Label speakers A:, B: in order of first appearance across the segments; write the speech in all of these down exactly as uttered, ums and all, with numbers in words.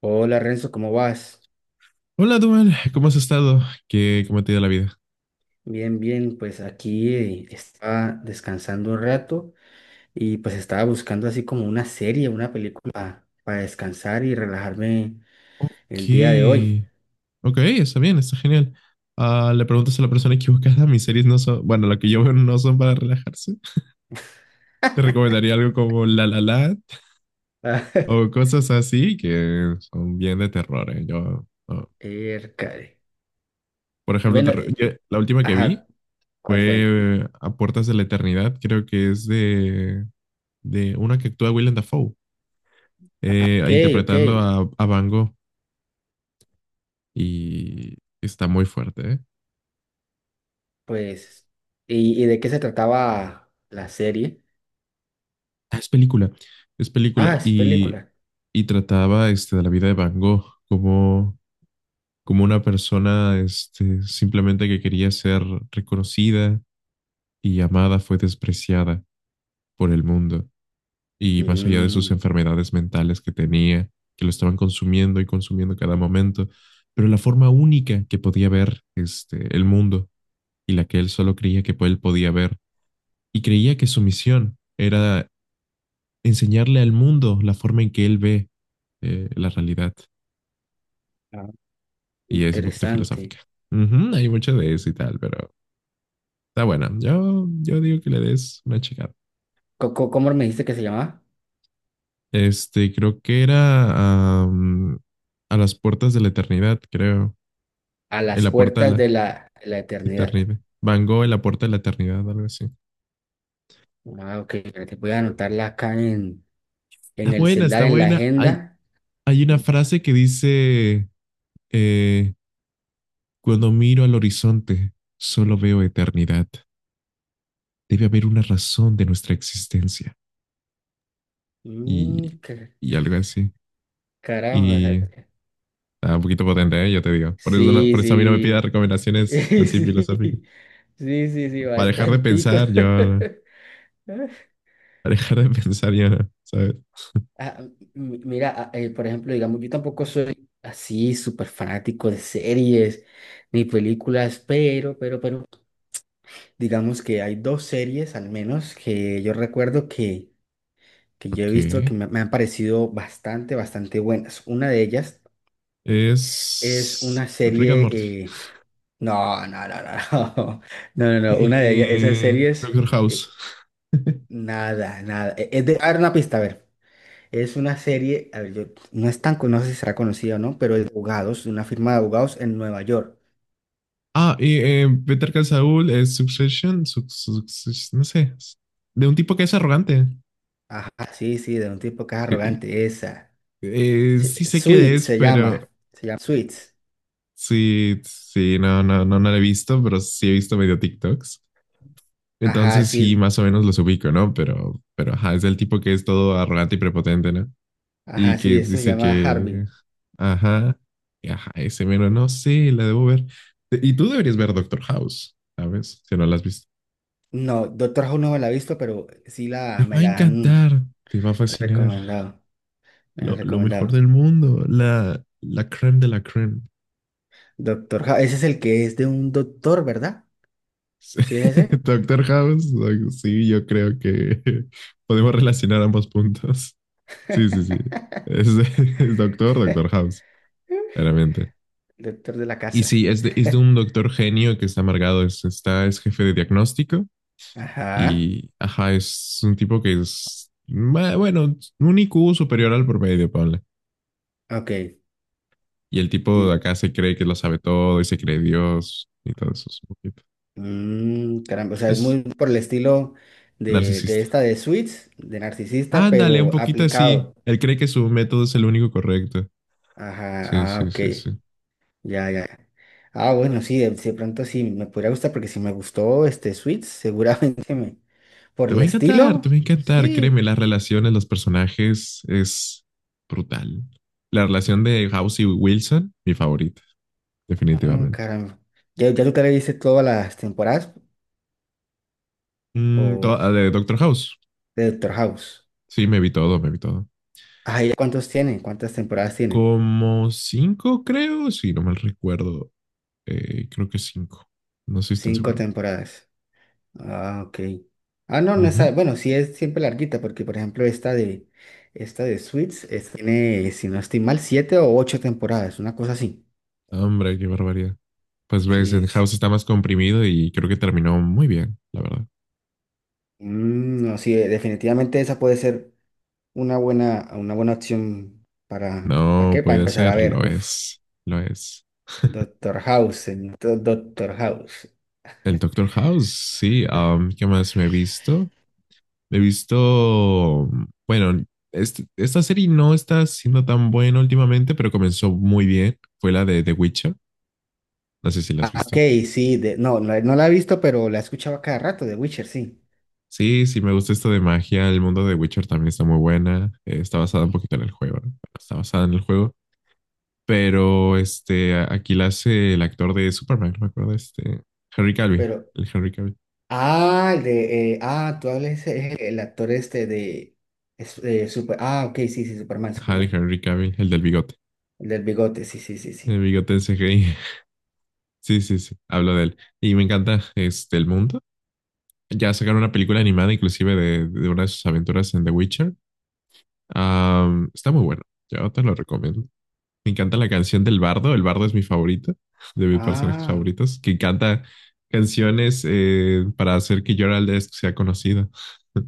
A: Hola, Renzo, ¿cómo vas?
B: Hola, Duan, ¿cómo has estado? ¿Qué, cómo te ha ido la vida?
A: Bien, bien, pues aquí eh, estaba descansando un rato y pues estaba buscando así como una serie, una película para descansar y relajarme
B: Ok,
A: el día de hoy.
B: ok, está bien, está genial. Ah, le preguntas a la persona equivocada, mis series no son, bueno, lo que yo veo no son para relajarse. Te recomendaría algo como La La Land
A: Ah,
B: o cosas así que son bien de terror, ¿eh? Yo, no.
A: Ercare.
B: Por ejemplo, te
A: Bueno,
B: re-
A: eh,
B: yo- la última que
A: ajá,
B: vi
A: ¿cuál fue?
B: fue eh, A Puertas de la Eternidad, creo que es de, de una que actúa Willem Dafoe, eh,
A: Ok, ok,
B: interpretando a, a Van Gogh y está muy fuerte, ¿eh?
A: pues, ¿y, y de qué se trataba la serie?
B: Ah, es película, es
A: Ah,
B: película.
A: es
B: Y,
A: película.
B: y trataba este, de la vida de Van Gogh como, como una persona este, simplemente que quería ser reconocida y amada, fue despreciada por el mundo. Y más allá de sus
A: Mm,
B: enfermedades mentales que tenía, que lo estaban consumiendo y consumiendo cada momento, pero la forma única que podía ver este, el mundo y la que él solo creía que él podía ver. Y creía que su misión era enseñarle al mundo la forma en que él ve eh, la realidad.
A: ah,
B: Y es un poquito
A: interesante.
B: filosófica. Ujú, hay mucho de eso y tal, pero está buena. Yo, yo digo que le des una checada.
A: Co- co- ¿Cómo me dijiste que se llamaba?
B: Este, creo que era am, a las puertas de la eternidad, creo.
A: A
B: En
A: las
B: la puerta de
A: puertas
B: la
A: de la, la eternidad.
B: eternidad. Van Gogh en la puerta de la eternidad, algo así.
A: Ah, ok, ya te voy a anotarla acá en, en
B: Está
A: el
B: buena,
A: celular,
B: está
A: en la
B: buena. Hay,
A: agenda.
B: hay una frase que dice, eh, cuando miro al horizonte, solo veo eternidad. Debe haber una razón de nuestra existencia. Y,
A: Mm, ca-
B: y algo así.
A: caramba. O sea,
B: Y está un poquito potente, ¿eh? Yo te digo. Por eso, no-
A: sí,
B: por eso a mí no me pidas
A: sí.
B: recomendaciones así filosóficas.
A: Sí, sí, sí, sí,
B: Para dejar de
A: bastantico.
B: pensar, yo no. Para dejar de pensar, yo no, ¿sabes?
A: Ah, m- mira, ah, eh, por ejemplo, digamos, yo tampoco soy así súper fanático de series ni películas, pero, pero, pero digamos que hay dos series al menos que yo recuerdo que, que yo he
B: Ok.
A: visto que me, me han parecido bastante, bastante buenas. Una de ellas. Es
B: Es
A: una
B: Rick and
A: serie.
B: Morty.
A: Eh, no, no, no, no, no. No, no, no. Una de ellas, esas
B: Eh,
A: series.
B: Doctor House.
A: Eh, nada, nada. Eh, Es de... A ver, una pista, a ver. Es una serie. A ver, yo... no es tan. con- No sé si será conocida o no, pero es de abogados, de una firma de abogados en Nueva York.
B: Ah, y eh, Better Call Saul es Succession, Suc- Suc- no sé, de un tipo que es arrogante.
A: Ajá, sí, sí, de un tipo que es
B: Eh,
A: arrogante. Esa.
B: eh,
A: Sí,
B: sí sé que
A: Suits
B: es,
A: se
B: pero
A: llama. Se llama Suits.
B: sí, sí, no, no, no, no lo he visto, pero sí he visto medio TikToks.
A: Ajá,
B: Entonces sí,
A: sí.
B: más o menos los ubico, ¿no? Pero, pero ajá, es el tipo que es todo arrogante y prepotente, ¿no? Y
A: Ajá, sí,
B: que
A: esto se
B: dice
A: llama
B: que,
A: Harvey.
B: ajá, y ajá, ese mero, no sé, la debo ver. Te- Y tú deberías ver Doctor House, ¿sabes? Si no la has visto.
A: No, Doctor House no me la he visto, pero sí
B: Te
A: la,
B: va
A: me
B: a
A: la han
B: encantar, te va a fascinar.
A: recomendado. Me la han
B: Lo, lo mejor
A: recomendado.
B: del mundo, la, la creme de la creme.
A: Doctor House, ese es el que es de un doctor, ¿verdad?
B: Sí,
A: ¿Sí es ese?
B: Doctor House, doc- sí, yo creo que podemos relacionar ambos puntos. Sí, sí, sí. Es, es Doctor, Doctor House, claramente.
A: Doctor de la
B: Y
A: casa.
B: sí, es de, es de un doctor genio que está amargado, es, está, es jefe de diagnóstico
A: Ajá.
B: y, ajá, es un tipo que es, ma- bueno, un I Q superior al promedio, ponle.
A: Ok.
B: Y el tipo de
A: Y
B: acá se cree que lo sabe todo y se cree Dios y todo eso. Es, un poquito-
A: mm, caramba, o sea, es
B: es
A: muy por el estilo de, de
B: narcisista.
A: esta de Suits, de narcisista,
B: Ándale, un
A: pero
B: poquito así.
A: aplicado.
B: Él cree que su método es el único correcto. Sí,
A: Ajá. Ah,
B: sí,
A: ok.
B: sí, sí.
A: Ya, ya, ya. Ah, bueno, sí, de, de pronto sí me podría gustar, porque si me gustó este Suits, seguramente me. Por
B: Te va
A: el
B: a encantar, te va
A: estilo,
B: a encantar.
A: sí.
B: Créeme, las relaciones, los personajes es brutal. La relación de House y Wilson, mi favorita.
A: Ah,
B: Definitivamente.
A: caramba. ¿Ya, ya tú te le viste todas las temporadas?
B: Mm, to-
A: O
B: ah, de Doctor House.
A: de Doctor House.
B: Sí, me vi todo, me vi todo.
A: Ah, ¿y cuántos tiene? ¿Cuántas temporadas tiene?
B: Como cinco, creo, si no mal recuerdo. Eh, creo que cinco. No estoy tan
A: Cinco
B: seguro.
A: temporadas. Ah, ok. Ah, no, no está.
B: Ujú.
A: Bueno, sí es siempre larguita, porque por ejemplo esta de esta de Suits es- tiene, si no estoy mal, siete o ocho temporadas, una cosa así.
B: Hombre, qué barbaridad. Pues ves,
A: Sí,
B: el
A: sí.
B: House está más comprimido y creo que terminó muy bien, la verdad.
A: Mm, no, sí, definitivamente esa puede ser una buena, una buena opción para, ¿para
B: No
A: qué? Para
B: puede
A: empezar a
B: ser,
A: ver.
B: lo
A: Uf,
B: es, lo es.
A: Doctor House, señor, Doctor House.
B: El Doctor House, sí. Am, ¿qué más me he visto? He visto, bueno, este- esta serie no está siendo tan buena últimamente, pero comenzó muy bien. Fue la de The Witcher. No sé si la has
A: Ah, ok,
B: visto.
A: sí, de- no, no, no la he visto, pero la he escuchado a cada rato, de Witcher, sí.
B: Sí, sí, me gusta esto de magia. El mundo de Witcher también está muy buena. Eh, está basada un poquito en el juego, ¿no? Bueno, está basada en el juego. Pero este, a- aquí la hace el actor de Superman, no me acuerdo, este, Henry Cavill.
A: Pero
B: El Henry Cavill.
A: ah, el de, eh, ah, tú hablas, eh, el actor este de, es- eh, super, ah, ok, sí, sí, Superman,
B: Ajá, el
A: Superman.
B: Henry Cavill, el del bigote.
A: El del bigote, sí, sí, sí,
B: El
A: sí.
B: bigote en C G I. Sí, sí, sí. Hablo de él. Y me encanta este el mundo. Ya sacaron una película animada inclusive de, de una de sus aventuras en The Witcher. Am, está muy bueno. Yo te lo recomiendo. Me encanta la canción del Bardo. El Bardo es mi favorito, de mis personajes
A: Ah,
B: favoritos, que canta canciones eh, para hacer que Gerald de Riv sea conocido.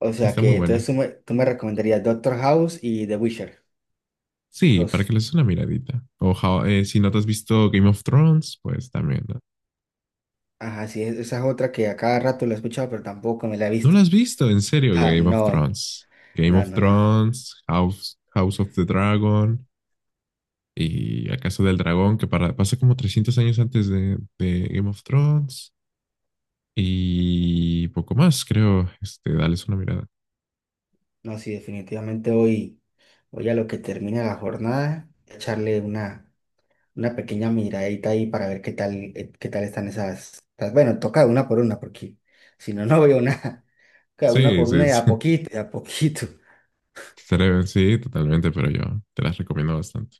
A: o sea
B: Está muy
A: que entonces
B: buena.
A: tú me, tú me recomendarías Doctor House y The Witcher.
B: Sí, para que
A: Dos.
B: le des una miradita. O How- eh, si no te has visto Game of Thrones, pues también. ¿No,
A: Ajá, sí, es- esa es otra que a cada rato la he escuchado, pero tampoco me la he
B: ¿No lo
A: visto.
B: has visto? En serio,
A: Ah,
B: Game of
A: no,
B: Thrones. Game
A: no,
B: of
A: no, no.
B: Thrones, House, House of the Dragon. Y A Casa del Dragón, que para- pasa como trescientos años antes de, de Game of Thrones, y poco más, creo. Este, dales una mirada.
A: No, sí, definitivamente hoy, hoy a lo que termina la jornada, echarle una. Una pequeña miradita ahí para ver qué tal, eh, qué tal están esas. esas- Bueno, toca una por una, porque si no, no veo nada. Cada una
B: Sí,
A: por
B: sí,
A: una y
B: sí,
A: a poquito, y a poquito.
B: Estaría- sí, totalmente, pero yo te las recomiendo bastante.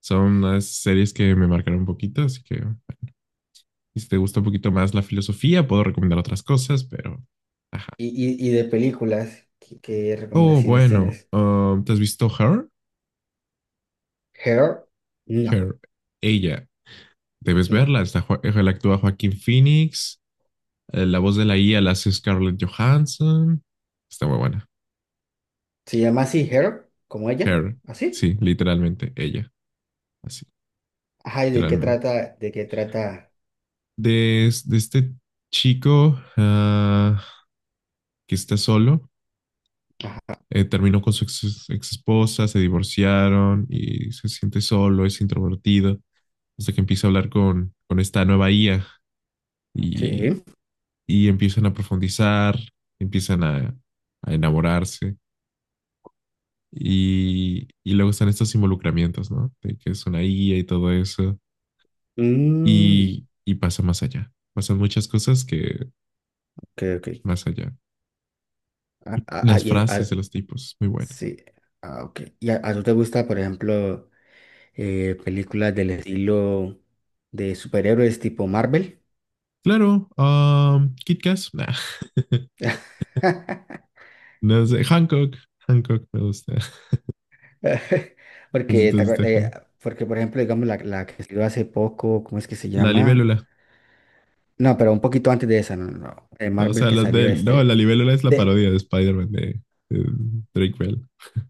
B: Son unas series que me marcaron un poquito, así que si te gusta un poquito más la filosofía, puedo recomendar otras cosas, pero... Ajá.
A: Y, y, y de películas, ¿qué, qué
B: Oh,
A: recomendaciones
B: bueno,
A: tienes?
B: um, ¿te has visto Her?
A: ¿Her? No,
B: Her, ella, debes
A: no.
B: verla. Está, Jo- él actúa Joaquín Phoenix. Eh, La voz de la I A la hace Scarlett Johansson. Está muy buena.
A: ¿Se llama así Her? ¿Como ella?
B: Her,
A: ¿Así?
B: sí, literalmente, ella, así,
A: Ajá, ¿y de qué
B: literalmente.
A: trata? ¿De qué trata?
B: De, es- de este chico ah, que está solo,
A: Ajá.
B: eh, terminó con su ex, ex esposa, se divorciaron y se siente solo, es introvertido, hasta que empieza a hablar con, con esta nueva I A y,
A: Sí.
B: y empiezan a profundizar, empiezan a, a enamorarse. Y, y luego están estos involucramientos, ¿no? De que es una guía y todo eso.
A: Mm,
B: Y, y pasa más allá. Pasan muchas cosas que
A: ok, ok.
B: más allá.
A: Ah, ah, ah,
B: Las
A: y el- ah,
B: frases de los tipos, muy buena.
A: sí. Ah, ok. ¿Y a, a tú te gusta, por ejemplo? Eh, películas del estilo de superhéroes tipo Marvel.
B: Claro, um, Kit Kat, nah. No sé, Hancock, Hancock me gusta.
A: Porque
B: Necesito
A: ¿te
B: este
A: acuer- eh,
B: Han-
A: porque por ejemplo, digamos la, la que salió hace poco, ¿cómo es que se
B: la
A: llama?
B: libélula,
A: No, pero un poquito antes de esa, no, no, no, de
B: no, o
A: Marvel
B: sea,
A: que
B: las de
A: salió
B: él. No, la
A: este.
B: libélula es la
A: De,
B: parodia de Spider-Man de, de Drake Bell.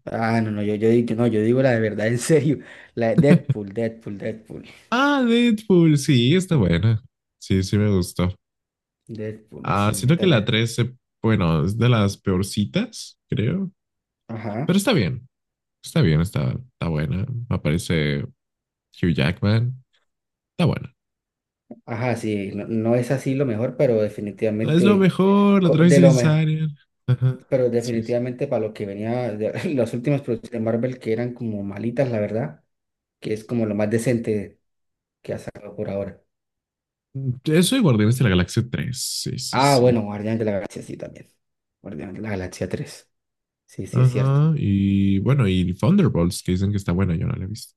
A: ah, no, no, yo, yo, digo, no, yo digo la de verdad, en serio. La de Deadpool, Deadpool, Deadpool.
B: Ah, Deadpool, sí, está buena. Sí, sí me gustó.
A: Deadpool, la
B: Ah, siento que
A: señorita
B: la
A: Deadpool.
B: tres se- bueno, es de las peorcitas, creo.
A: Ajá.
B: Pero está bien, está bien, está, está buena. Aparece Hugh Jackman, está buena.
A: Ajá, sí, no, no es así lo mejor, pero
B: Es lo
A: definitivamente
B: mejor, la
A: co-
B: otra vez
A: de lo mejor.
B: innecesaria. Ajá,
A: Pero
B: sí, sí.
A: definitivamente para lo que venía, de- las últimas producciones de Marvel que eran como malitas, la verdad, que es como lo más decente que ha sacado por ahora.
B: Eso y Guardianes de la Galaxia tres sí, sí,
A: Ah,
B: sí.
A: bueno, Guardián de la Galaxia sí también. Guardián de la Galaxia tres. Sí, sí, es cierto.
B: Ajá, y bueno, y Thunderbolts, que dicen que está buena, yo no la he visto.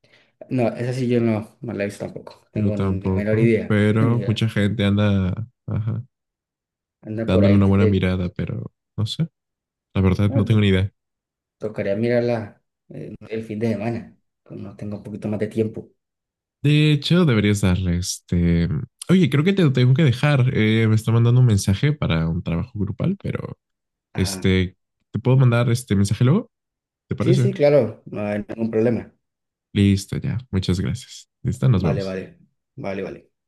A: No, esa sí yo no, no la he visto tampoco.
B: Yo
A: Tengo ni la menor
B: tampoco,
A: idea. Ni
B: pero
A: idea.
B: mucha gente anda, ajá,
A: Anda por
B: dándole
A: ahí.
B: una buena
A: Eh,
B: mirada, pero no sé, la verdad no
A: no,
B: tengo
A: to-
B: ni idea.
A: tocaría mirarla eh, el fin de semana, cuando tenga un poquito más de tiempo.
B: De hecho, deberías darle este. Oye, creo que te tengo que dejar. Eh, me está mandando un mensaje para un trabajo grupal, pero
A: Ajá.
B: este, te puedo mandar este mensaje luego, ¿te
A: Sí,
B: parece?
A: sí, claro, no hay ningún problema.
B: Listo, ya. Muchas gracias. Listo, nos
A: Vale,
B: vemos.
A: vale, vale, vale.